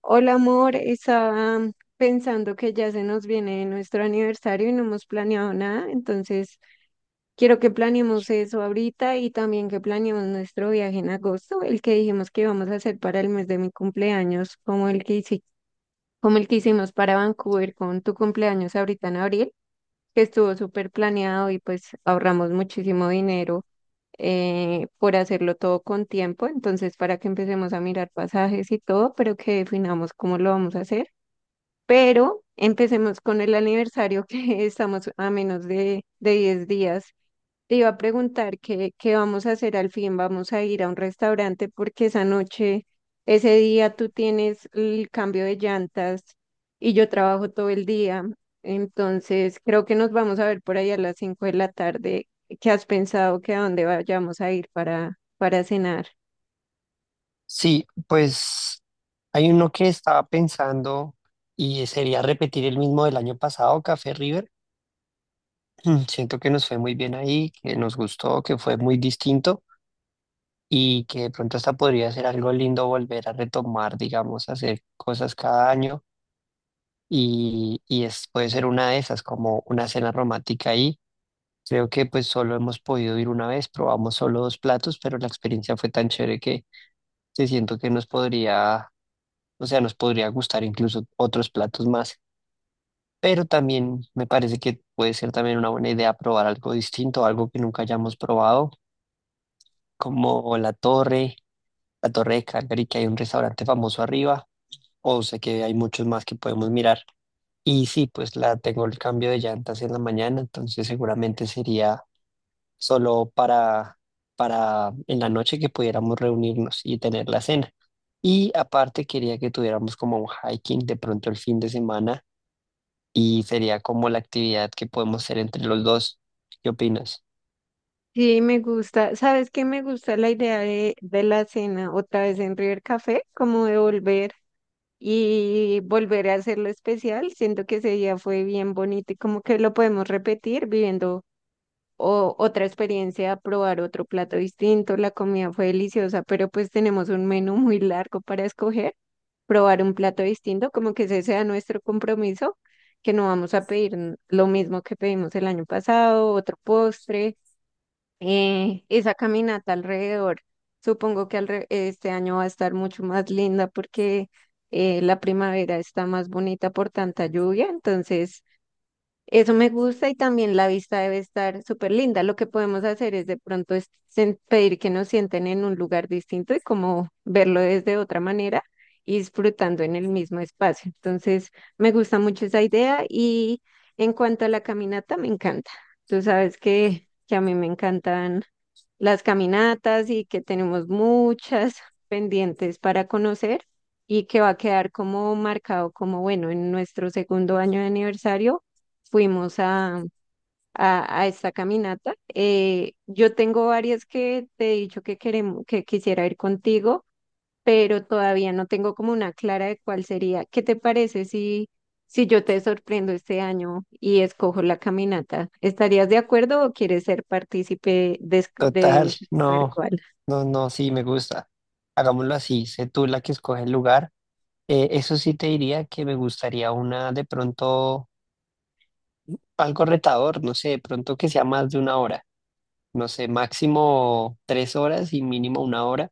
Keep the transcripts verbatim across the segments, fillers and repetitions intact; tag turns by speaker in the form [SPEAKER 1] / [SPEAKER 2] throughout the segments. [SPEAKER 1] Hola amor, estaba mm, pensando que ya se nos viene nuestro aniversario y no hemos planeado nada, entonces quiero que planeemos eso ahorita y también que planeemos nuestro viaje en agosto, el que dijimos que íbamos a hacer para el mes de mi cumpleaños, como el que hici- como el que hicimos para Vancouver con tu cumpleaños ahorita en abril, que estuvo súper planeado y pues ahorramos muchísimo dinero eh, por hacerlo todo con tiempo, entonces para que empecemos a mirar pasajes y todo, pero que definamos cómo lo vamos a hacer. Pero empecemos con el aniversario que estamos a menos de, de diez días. Te iba a preguntar qué, qué vamos a hacer al fin. ¿Vamos a ir a un restaurante? Porque esa noche, ese día tú tienes el cambio de llantas y yo trabajo todo el día. Entonces creo que nos vamos a ver por ahí a las cinco de la tarde. ¿Qué has pensado que a dónde vayamos a ir para, para cenar?
[SPEAKER 2] Sí, pues hay uno que estaba pensando y sería repetir el mismo del año pasado, Café River. Siento que nos fue muy bien ahí, que nos gustó, que fue muy distinto y que de pronto hasta podría ser algo lindo volver a retomar, digamos, hacer cosas cada año y, y es, puede ser una de esas, como una cena romántica ahí. Creo que pues solo hemos podido ir una vez, probamos solo dos platos, pero la experiencia fue tan chévere que, que siento que nos podría o sea, nos podría gustar incluso otros platos más, pero también me parece que puede ser también una buena idea probar algo distinto, algo que nunca hayamos probado, como la torre, la torre de Calgary, que hay un restaurante famoso arriba, o sé que hay muchos más que podemos mirar. Y sí, pues la tengo el cambio de llantas en la mañana, entonces seguramente sería solo para, para en la noche que pudiéramos reunirnos y tener la cena. Y aparte quería que tuviéramos como un hiking de pronto el fin de semana y sería como la actividad que podemos hacer entre los dos. ¿Qué opinas?
[SPEAKER 1] Sí, me gusta. ¿Sabes qué? Me gusta la idea de, de la cena otra vez en River Café, como de volver y volver a hacerlo especial. Siento que ese día fue bien bonito y como que lo podemos repetir viviendo o- otra experiencia, probar otro plato distinto. La comida fue deliciosa, pero pues tenemos un menú muy largo para escoger. Probar un plato distinto, como que ese sea nuestro compromiso, que no vamos a pedir lo mismo que pedimos el año pasado, otro postre, eh, esa caminata alrededor. Supongo que alre- este año va a estar mucho más linda porque, eh, la primavera está más bonita por tanta lluvia, entonces eso me gusta y también la vista debe estar súper linda. Lo que podemos hacer es de pronto es sen- pedir que nos sienten en un lugar distinto y como verlo desde otra manera y disfrutando en el mismo espacio. Entonces, me gusta mucho esa idea y en cuanto a la caminata, me encanta. Tú sabes que, que a mí me encantan las caminatas y que tenemos muchas pendientes para conocer y que va a quedar como marcado como, bueno, en nuestro segundo año de aniversario fuimos a, a, a esta caminata. Eh, yo tengo varias que te he dicho que queremos, que quisiera ir contigo, pero todavía no tengo como una clara de cuál sería. ¿Qué te parece si, si yo te sorprendo este año y escojo la caminata? ¿Estarías de acuerdo o quieres ser partícipe de, esc-
[SPEAKER 2] Total,
[SPEAKER 1] de saber
[SPEAKER 2] no,
[SPEAKER 1] cuál?
[SPEAKER 2] no, no, sí, me gusta. Hagámoslo así, sé tú la que escoge el lugar. Eh, eso sí te diría que me gustaría una de pronto, algo retador, no sé, de pronto que sea más de una hora, no sé, máximo tres horas y mínimo una hora.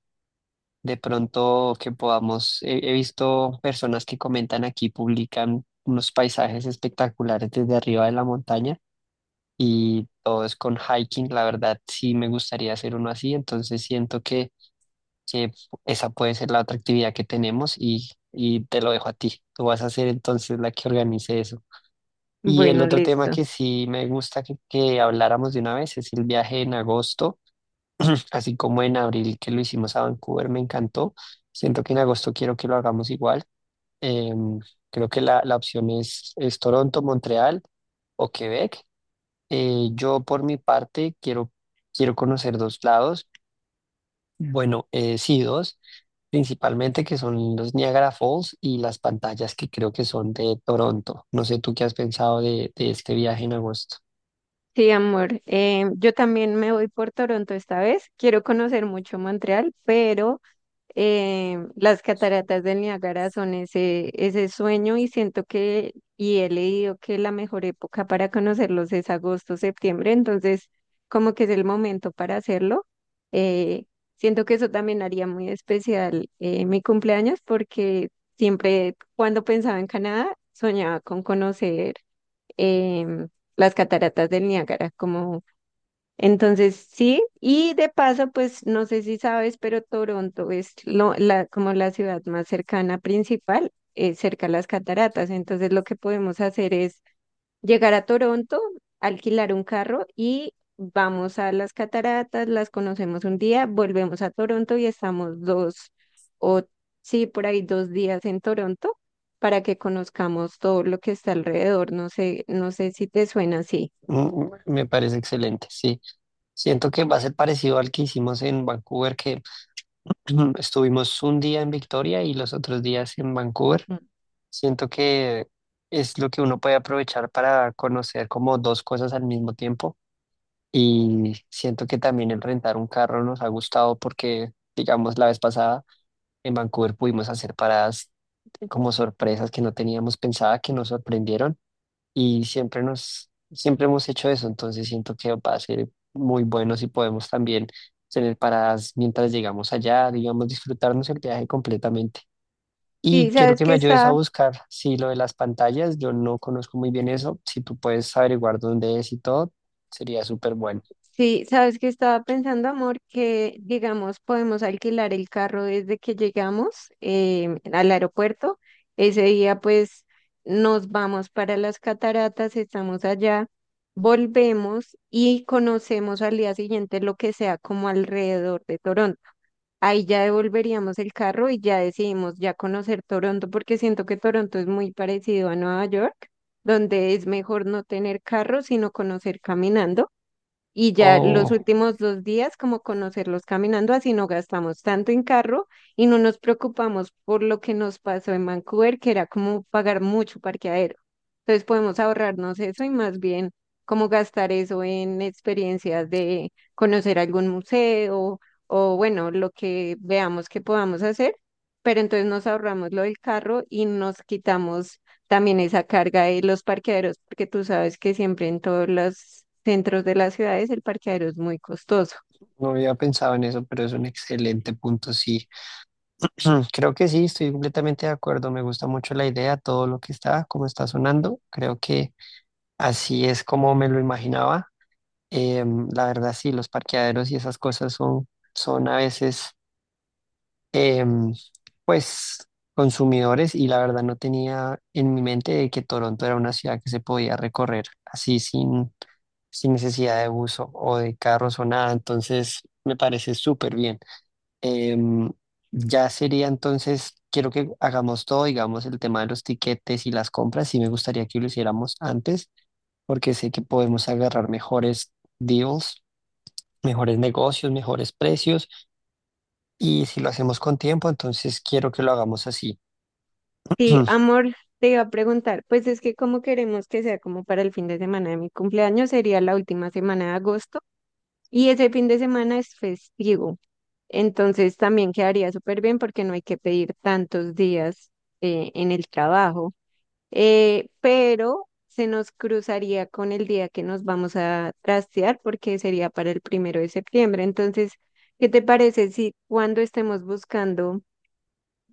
[SPEAKER 2] De pronto que podamos, he he visto personas que comentan aquí, publican unos paisajes espectaculares desde arriba de la montaña. Y todo es con hiking. La verdad, sí me gustaría hacer uno así, entonces siento que, que esa puede ser la otra actividad que tenemos y, y te lo dejo a ti. Tú vas a ser entonces la que organice eso. Y el
[SPEAKER 1] Bueno,
[SPEAKER 2] otro tema
[SPEAKER 1] listo.
[SPEAKER 2] que sí me gusta que, que habláramos de una vez es el viaje en agosto. Así como en abril que lo hicimos a Vancouver, me encantó. Siento que en agosto quiero que lo hagamos igual. Em, Creo que la, la opción es, es Toronto, Montreal o Quebec. Eh, yo por mi parte quiero, quiero conocer dos lados. Bueno, eh, sí, dos, principalmente que son los Niagara Falls y las pantallas que creo que son de Toronto. No sé tú qué has pensado de, de este viaje en agosto.
[SPEAKER 1] Sí, amor. Eh, yo también me voy por Toronto esta vez. Quiero conocer mucho Montreal, pero, eh, las cataratas del Niágara son ese, ese sueño y siento que, y he leído que la mejor época para conocerlos es agosto, septiembre, entonces como que es el momento para hacerlo. Eh, Siento que eso también haría muy especial, eh, mi cumpleaños porque siempre cuando pensaba en Canadá soñaba con conocer, em, las cataratas del Niágara como entonces, sí, y de paso, pues no sé si sabes, pero Toronto es lo- la, como la ciudad más cercana principal, eh, cerca a las cataratas. Entonces, lo que podemos hacer es llegar a Toronto, alquilar un carro y vamos a las cataratas, las conocemos un día, volvemos a Toronto y estamos dos o sí, por ahí dos días en Toronto para que conozcamos todo lo que está alrededor. No sé, no sé si te suena así.
[SPEAKER 2] Mm, mm, me parece excelente, sí. Siento que va a ser parecido al que hicimos en Vancouver, que estuvimos un día en Victoria y los otros días en Vancouver.
[SPEAKER 1] Mm.
[SPEAKER 2] Siento que es lo que uno puede aprovechar para conocer como dos cosas al mismo tiempo. Y siento que también el rentar un carro nos ha gustado porque, digamos, la vez pasada en Vancouver pudimos hacer paradas como sorpresas que no teníamos pensada, que nos sorprendieron y siempre nos, siempre hemos hecho eso, entonces siento que va a ser muy bueno si podemos también tener paradas mientras llegamos allá, digamos, disfrutarnos el viaje completamente.
[SPEAKER 1] Sí,
[SPEAKER 2] Y quiero
[SPEAKER 1] sabes
[SPEAKER 2] que
[SPEAKER 1] que
[SPEAKER 2] me ayudes a
[SPEAKER 1] está
[SPEAKER 2] buscar, si lo de las pantallas, yo no conozco muy bien eso, si tú puedes averiguar dónde es y todo, sería súper bueno.
[SPEAKER 1] Sí, sabes que estaba pensando, amor, que digamos podemos alquilar el carro desde que llegamos, em, al aeropuerto. Ese día pues nos vamos para las cataratas, estamos allá, volvemos y conocemos al día siguiente lo que sea como alrededor de Toronto. Ahí ya devolveríamos el carro y ya decidimos ya conocer Toronto porque siento que Toronto es muy parecido a Nueva York, donde es mejor no tener carro sino conocer caminando. Y ya los
[SPEAKER 2] O
[SPEAKER 1] últimos dos días, como conocerlos caminando, así no gastamos tanto en carro y no nos preocupamos por lo que nos pasó en Vancouver, que era como pagar mucho parqueadero. Entonces podemos ahorrarnos eso y más bien como gastar eso en experiencias de conocer algún museo o bueno, lo que veamos que podamos hacer, pero entonces nos ahorramos lo del carro y nos quitamos también esa carga de los parqueaderos, porque tú sabes que siempre en todos los centros de las ciudades el parqueadero es muy costoso.
[SPEAKER 2] No había pensado en eso, pero es un excelente punto, sí. Creo que sí, estoy completamente de acuerdo. Me gusta mucho la idea, todo lo que está, como está sonando. Creo que así es como me lo imaginaba. Em, la verdad, sí, los parqueaderos y esas cosas son, son a veces, em, pues, consumidores y la verdad no tenía en mi mente de que Toronto era una ciudad que se podía recorrer así sin, sin necesidad de buzo o de carros o nada. Entonces, me parece súper bien. Em, ya sería entonces, quiero que hagamos todo, digamos, el tema de los tiquetes y las compras. Sí me gustaría que lo hiciéramos antes, porque sé que podemos agarrar mejores deals, mejores negocios, mejores precios. Y si lo hacemos con tiempo, entonces quiero que lo hagamos así.
[SPEAKER 1] Sí, amor, te iba a preguntar, pues es que como queremos que sea como para el fin de semana de mi cumpleaños, sería la última semana de agosto y ese fin de semana es festivo, entonces también quedaría súper bien porque no hay que pedir tantos días, eh, en el trabajo. Eh, pero se nos cruzaría con el día que nos vamos a trastear porque sería para el primero de septiembre. Entonces, ¿qué te parece si cuando estemos buscando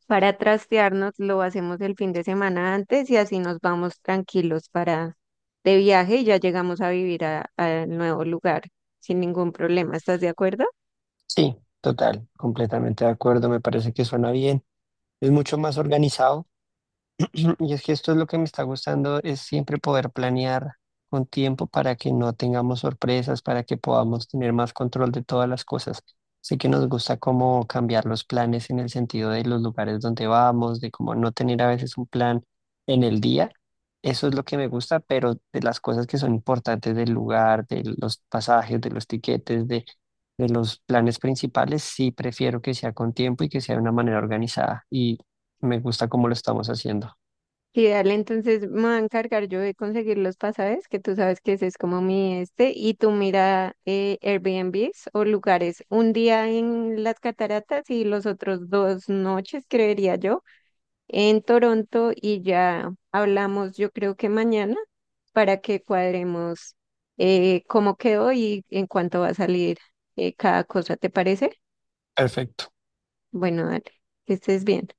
[SPEAKER 1] para trastearnos lo hacemos el fin de semana antes y así nos vamos tranquilos para de viaje y ya llegamos a vivir a- al nuevo lugar sin ningún problema? ¿Estás de acuerdo?
[SPEAKER 2] Sí, total, completamente de acuerdo. Me parece que suena bien. Es mucho más organizado. Y es que esto es lo que me está gustando, es siempre poder planear con tiempo para que no tengamos sorpresas, para que podamos tener más control de todas las cosas. Así que nos gusta cómo cambiar los planes en el sentido de los lugares donde vamos, de cómo no tener a veces un plan en el día. Eso es lo que me gusta, pero de las cosas que son importantes del lugar, de los pasajes, de los tiquetes, de, de los planes principales, sí prefiero que sea con tiempo y que sea de una manera organizada. Y me gusta cómo lo estamos haciendo.
[SPEAKER 1] Y dale, entonces me voy a encargar yo de conseguir los pasajes, que tú sabes que ese es como mi este, y tú mira, eh, Airbnbs o lugares, un día en las cataratas y los otros dos noches, creería yo, en Toronto y ya hablamos, yo creo que mañana, para que cuadremos, eh, cómo quedó y en cuánto va a salir, eh, cada cosa, ¿te parece?
[SPEAKER 2] Perfecto.
[SPEAKER 1] Bueno, dale, que estés bien.